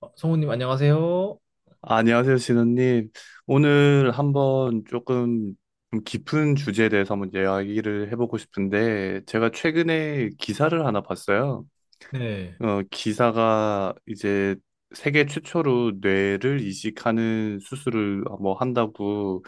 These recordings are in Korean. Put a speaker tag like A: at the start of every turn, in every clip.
A: 아, 성우님, 안녕하세요.
B: 아, 안녕하세요, 신원님. 오늘 한번 조금 좀 깊은 주제에 대해서 한번 이야기를 해보고 싶은데, 제가 최근에 기사를 하나 봤어요.
A: 네.
B: 기사가 이제 세계 최초로 뇌를 이식하는 수술을 뭐 한다고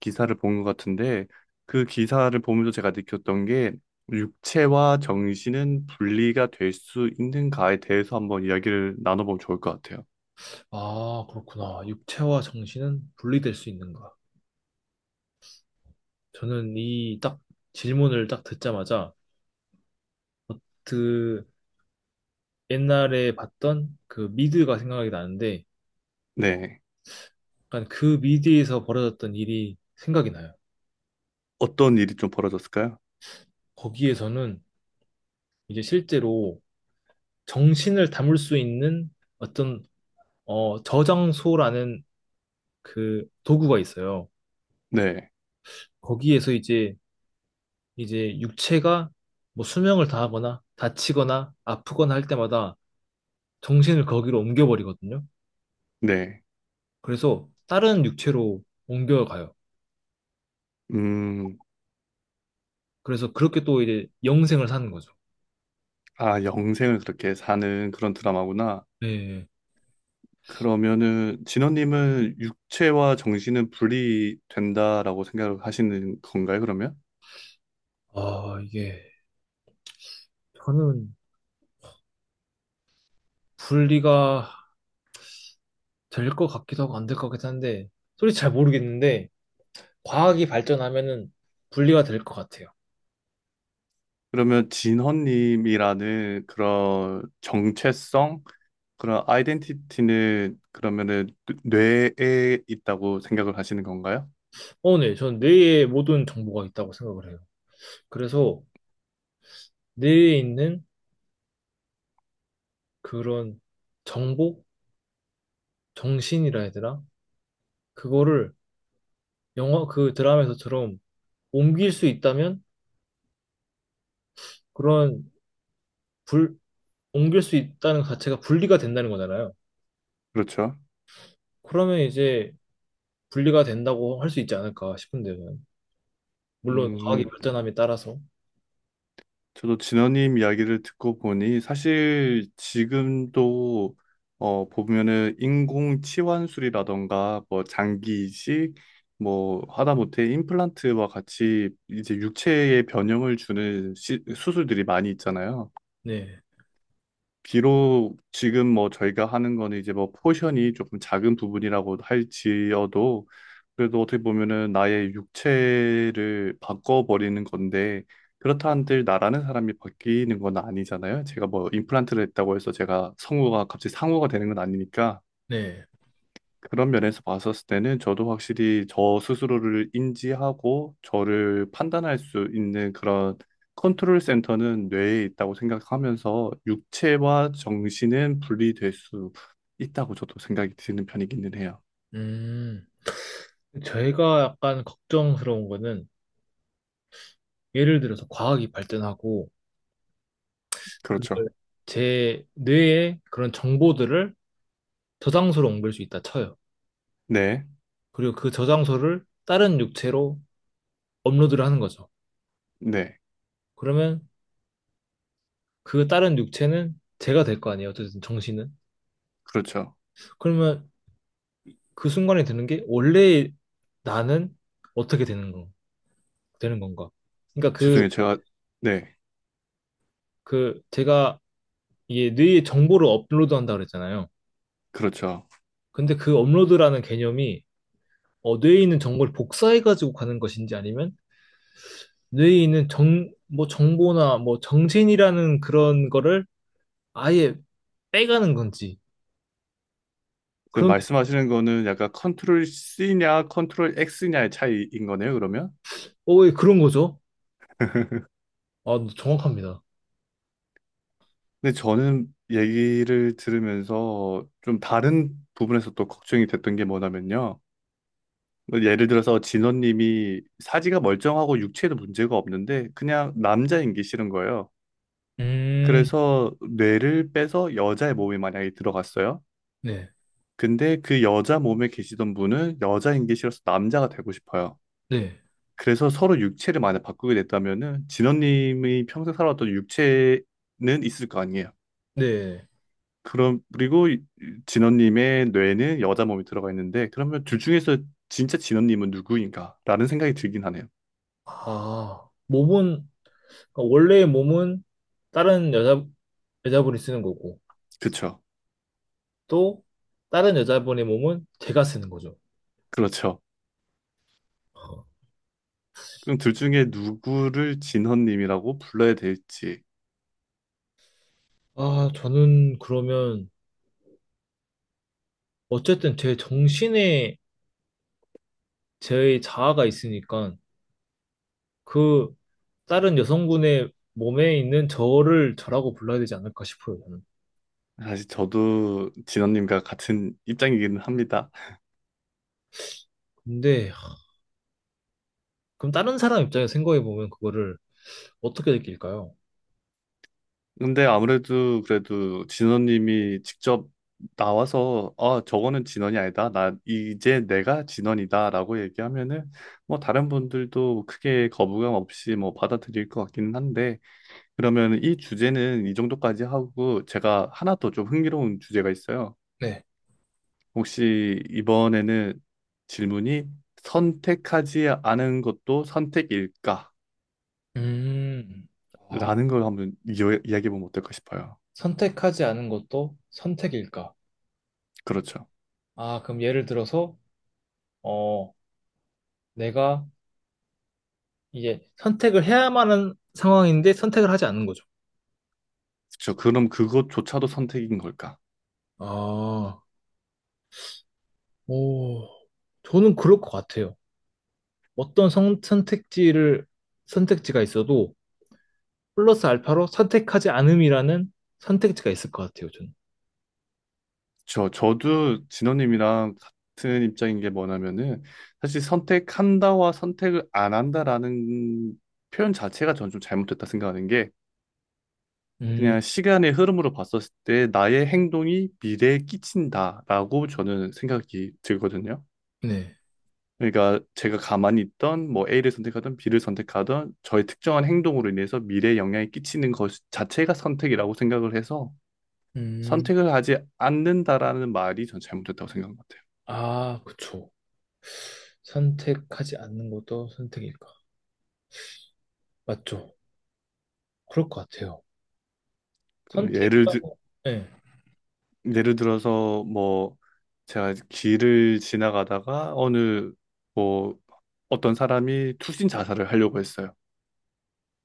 B: 기사를 본 것 같은데, 그 기사를 보면서 제가 느꼈던 게, 육체와 정신은 분리가 될 수 있는가에 대해서 한번 이야기를 나눠보면 좋을 것 같아요.
A: 아, 그렇구나. 육체와 정신은 분리될 수 있는가? 저는 이 딱 질문을 딱 듣자마자 그 옛날에 봤던 그 미드가 생각이 나는데
B: 네.
A: 약간 그 미드에서 벌어졌던 일이 생각이 나요.
B: 어떤 일이 좀 벌어졌을까요?
A: 거기에서는 이제 실제로 정신을 담을 수 있는 어떤 저장소라는 그 도구가 있어요.
B: 네,
A: 거기에서 이제 육체가 뭐 수명을 다하거나 다치거나 아프거나 할 때마다 정신을 거기로 옮겨버리거든요.
B: 네.
A: 그래서 다른 육체로 옮겨가요.
B: 음,
A: 그래서 그렇게 또 이제 영생을 사는 거죠.
B: 아, 영생을 그렇게 사는 그런 드라마구나.
A: 네.
B: 그러면은 진원님은 육체와 정신은 분리 된다라고 생각을 하시는 건가요, 그러면?
A: 아, 이게 저는 분리가 될 것 같기도 하고 안 될 것 같긴 한데 솔직히 잘 모르겠는데 과학이 발전하면은 분리가 될 것 같아요.
B: 그러면 진헌님이라는 그런 정체성, 그런 아이덴티티는 그러면은 뇌에 있다고 생각을 하시는 건가요?
A: 어네전 뇌에 모든 정보가 있다고 생각을 해요. 그래서 뇌에 있는 그런 정보? 정신이라 해야 되나? 그거를 영화 그 드라마에서처럼 옮길 수 있다면 그런 불 옮길 수 있다는 자체가 분리가 된다는 거잖아요.
B: 그렇죠.
A: 그러면 이제 분리가 된다고 할 수 있지 않을까 싶은데요, 저는. 물론 과학이
B: 음,
A: 발전함에 따라서.
B: 저도 진원님 이야기를 듣고 보니 사실 지금도 어 보면은 인공 치환술이라던가 뭐 장기 이식 뭐 하다못해 임플란트와 같이 이제 육체의 변형을 주는 수술들이 많이 있잖아요.
A: 네.
B: 비록 지금 뭐 저희가 하는 거는 이제 뭐 포션이 조금 작은 부분이라고 할지어도 그래도 어떻게 보면은 나의 육체를 바꿔버리는 건데 그렇다 한들 나라는 사람이 바뀌는 건 아니잖아요. 제가 뭐 임플란트를 했다고 해서 제가 성우가 갑자기 상우가 되는 건 아니니까
A: 네.
B: 그런 면에서 봤었을 때는 저도 확실히 저 스스로를 인지하고 저를 판단할 수 있는 그런 컨트롤 센터는 뇌에 있다고 생각하면서 육체와 정신은 분리될 수 있다고 저도 생각이 드는 편이기는 해요.
A: 음. 제가 약간 걱정스러운 거는 예를 들어서 과학이 발전하고 그걸
B: 그렇죠.
A: 제 뇌에 그런 정보들을 저장소로 옮길 수 있다 쳐요.
B: 네,
A: 그리고 그 저장소를 다른 육체로 업로드를 하는 거죠.
B: 네,
A: 그러면 그 다른 육체는 제가 될 거 아니에요, 어쨌든 정신은.
B: 그렇죠.
A: 그러면 그 순간에 드는 게 원래 나는 어떻게 되는 거, 되는 건가? 그러니까
B: 죄송해요. 제가, 네,
A: 그 제가 이게 뇌에 정보를 업로드한다 그랬잖아요.
B: 그렇죠.
A: 근데 그 업로드라는 개념이 뇌에 있는 정보를 복사해가지고 가는 것인지 아니면 뇌에 있는 뭐 정보나 뭐 정신이라는 그런 거를 아예 빼가는 건지
B: 그
A: 그런,
B: 말씀하시는 거는 약간 컨트롤 C냐 컨트롤 X냐의 차이인 거네요, 그러면?
A: 어, 예, 그런 거죠. 아, 정확합니다.
B: 근데 저는 얘기를 들으면서 좀 다른 부분에서 또 걱정이 됐던 게 뭐냐면요. 뭐 예를 들어서 진원님이 사지가 멀쩡하고 육체에도 문제가 없는데 그냥 남자인 게 싫은 거예요.
A: 음,
B: 그래서 뇌를 빼서 여자의 몸에 만약에 들어갔어요.
A: 네,
B: 근데 그 여자 몸에 계시던 분은 여자인 게 싫어서 남자가 되고 싶어요.
A: 네,
B: 그래서 서로 육체를 만약 바꾸게 됐다면은 진원님이 평생 살아왔던 육체는 있을 거 아니에요.
A: 네.
B: 그럼 그리고 진원님의 뇌는 여자 몸이 들어가 있는데 그러면 둘 중에서 진짜 진원님은 누구인가라는 생각이 들긴 하네요.
A: 아, 그러니까 원래의 몸은 다른 여자, 여자분이 쓰는 거고,
B: 그쵸?
A: 또 다른 여자분의 몸은 제가 쓰는 거죠.
B: 그렇죠.
A: 어.
B: 그럼 둘 중에 누구를 진원님이라고 불러야 될지
A: 아, 저는 그러면, 어쨌든 제 정신에 제 자아가 있으니까, 그 다른 여성분의 몸에 있는 저를 저라고 불러야 되지 않을까 싶어요, 저는.
B: 사실 저도 진원님과 같은 입장이기는 합니다.
A: 근데, 하, 그럼 다른 사람 입장에서 생각해보면 그거를 어떻게 느낄까요?
B: 근데 아무래도 그래도 진원님이 직접 나와서 아 저거는 진원이 아니다 나 이제 내가 진원이다라고 얘기하면은 뭐 다른 분들도 크게 거부감 없이 뭐 받아들일 것 같기는 한데 그러면 이 주제는 이 정도까지 하고 제가 하나 더 좀 흥미로운 주제가 있어요.
A: 네.
B: 혹시 이번에는 질문이 선택하지 않은 것도 선택일까라는
A: 음, 아,
B: 걸 한번 이야기해 보면 어떨까 싶어요.
A: 선택하지 않은 것도 선택일까?
B: 그렇죠.
A: 아, 그럼 예를 들어서, 어, 내가 이제 선택을 해야만 하는 상황인데 선택을 하지 않는 거죠.
B: 그쵸. 그럼 그것조차도 선택인 걸까?
A: 아, 오, 저는 그럴 것 같아요. 어떤 선택지를, 선택지가 있어도 플러스 알파로 선택하지 않음이라는 선택지가 있을 것 같아요, 저는.
B: 저도 진호님이랑 같은 입장인 게 뭐냐면은 사실 선택한다와 선택을 안 한다라는 표현 자체가 저는 좀 잘못됐다 생각하는 게
A: 음,
B: 그냥 시간의 흐름으로 봤었을 때 나의 행동이 미래에 끼친다라고 저는 생각이 들거든요.
A: 네.
B: 그러니까 제가 가만히 있던 뭐 A를 선택하든 B를 선택하든 저의 특정한 행동으로 인해서 미래에 영향이 끼치는 것 자체가 선택이라고 생각을 해서
A: 음,
B: 선택을 하지 않는다라는 말이 전 잘못됐다고 생각한 것 같아요.
A: 아, 그쵸. 선택하지 않는 것도 선택일까? 맞죠. 그럴 것 같아요.
B: 그럼 예를 들,
A: 선택이라고, 네.
B: 예를 들어서 뭐 제가 길을 지나가다가 어느 뭐 어떤 사람이 투신 자살을 하려고 했어요.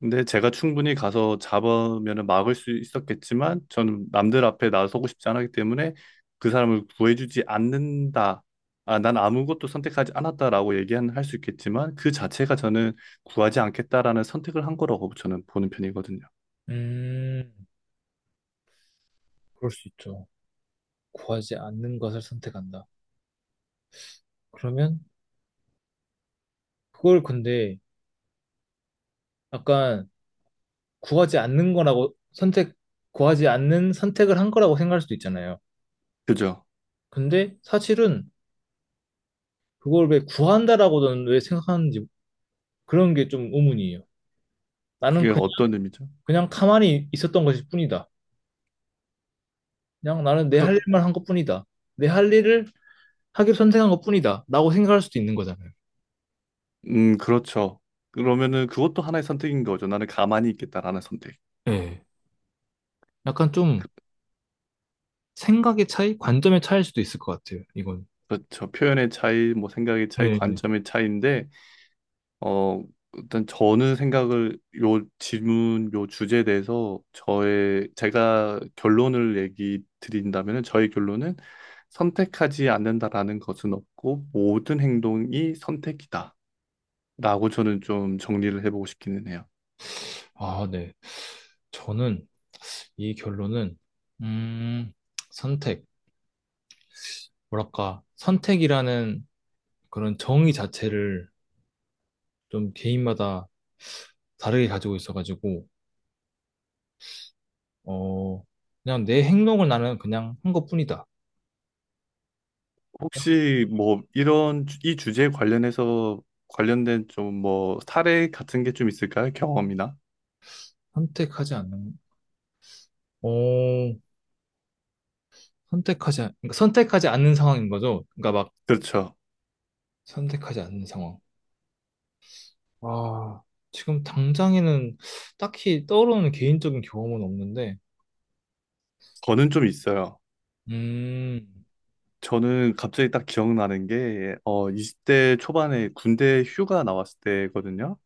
B: 근데 제가 충분히 가서 잡으면 막을 수 있었겠지만 저는 남들 앞에 나서고 싶지 않았기 때문에 그 사람을 구해주지 않는다. 아, 난 아무것도 선택하지 않았다라고 얘기는 할 수 있겠지만 그 자체가 저는 구하지 않겠다라는 선택을 한 거라고 저는 보는 편이거든요.
A: 음, 그럴 수 있죠. 구하지 않는 것을 선택한다. 그러면 그걸 근데 약간 구하지 않는 거라고 선택, 구하지 않는 선택을 한 거라고 생각할 수도 있잖아요.
B: 그죠?
A: 근데 사실은 그걸 왜 구한다라고는 왜 생각하는지 그런 게 좀 의문이에요. 나는
B: 그게
A: 그냥,
B: 어떤 의미죠?
A: 그냥 가만히 있었던 것일 뿐이다. 그냥 나는 내
B: 그러,
A: 할 일만 한 것뿐이다. 내 할 일을 하기로 선택한 것뿐이다 라고 생각할 수도 있는 거잖아요.
B: 그렇죠. 그러면은 그것도 하나의 선택인 거죠. 나는 가만히 있겠다라는 선택.
A: 예. 약간 좀 생각의 차이, 관점의 차이일 수도 있을 것 같아요, 이건.
B: 그렇죠. 표현의 차이, 뭐 생각의 차이,
A: 네. 네.
B: 관점의 차이인데, 어, 일단 저는 생각을 요 질문, 요 주제에 대해서 저의 제가 결론을 얘기 드린다면은 저의 결론은 선택하지 않는다라는 것은 없고 모든 행동이 선택이다라고 저는 좀 정리를 해보고 싶기는 해요.
A: 아, 네. 저는 이 결론은, 음, 선택. 뭐랄까, 선택이라는 그런 정의 자체를 좀 개인마다 다르게 가지고 있어가지고, 어, 그냥 내 행동을 나는 그냥 한 것뿐이다. 그냥
B: 혹시 뭐 이런 이 주제에 관련해서 관련된 좀 뭐 사례 같은 게 좀 있을까요? 경험이나?
A: 선택하지 않는, 어, 선택하지, 않- 그러니까 선택하지 않는 상황인 거죠. 그러니까 막
B: 그렇죠.
A: 선택하지 않는 상황. 아, 지금 당장에는 딱히 떠오르는 개인적인 경험은 없는데,
B: 저는 좀 있어요.
A: 음,
B: 저는 갑자기 딱 기억나는 게 어, 20대 초반에 군대 휴가 나왔을 때거든요.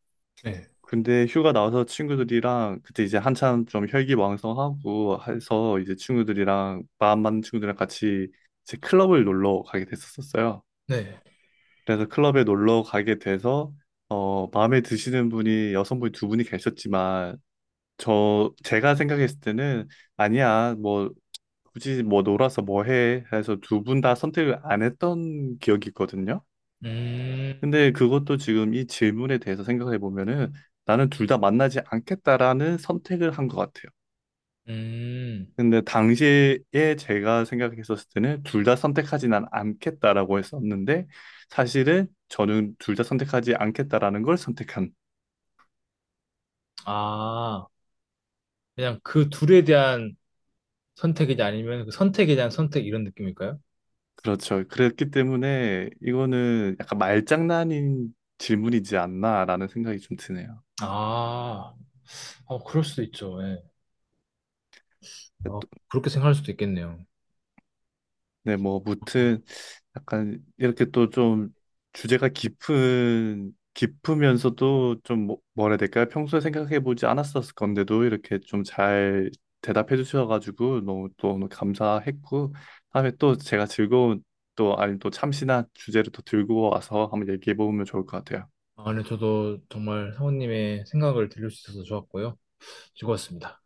A: 네.
B: 군대 휴가 나와서 친구들이랑 그때 이제 한참 좀 혈기왕성하고 해서 이제 친구들이랑 마음 맞는 친구들이랑 같이 이제 클럽을 놀러 가게 됐었어요.
A: 네.
B: 그래서 클럽에 놀러 가게 돼서 어 마음에 드시는 분이 여성분이 두 분이 계셨지만 저 제가 생각했을 때는 아니야 뭐 굳이 뭐 놀아서 뭐 해? 해서 두 분 다 선택을 안 했던 기억이 있거든요.
A: 음,
B: 근데 그것도 지금 이 질문에 대해서 생각해 보면은 나는 둘 다 만나지 않겠다라는 선택을 한 것 같아요.
A: 음,
B: 근데 당시에 제가 생각했었을 때는 둘 다 선택하지는 않겠다라고 했었는데 사실은 저는 둘 다 선택하지 않겠다라는 걸 선택한
A: 아, 그냥 그 둘에 대한 선택이지 아니면 그 선택에 대한 선택 이런 느낌일까요?
B: 그렇죠. 그랬기 때문에 이거는 약간 말장난인 질문이지 않나라는 생각이 좀 드네요.
A: 아, 어, 그럴 수도 있죠. 예. 어, 그렇게 생각할 수도 있겠네요.
B: 네, 뭐, 무튼, 약간, 이렇게 또 좀, 주제가 깊은, 깊으면서도 좀, 뭐라 해야 될까요? 평소에 생각해보지 않았었을 건데도, 이렇게 좀 잘 대답해 주셔가지고, 너무 또 오늘 감사했고, 다음에 또 제가 즐거운, 또, 아니, 또 참신한 주제를 또 들고 와서 한번 얘기해보면 좋을 것 같아요.
A: 아, 네, 저도 정말 사모님의 생각을 들을 수 있어서 좋았고요. 즐거웠습니다.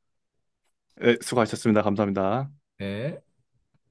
B: 네, 수고하셨습니다. 감사합니다.
A: 네.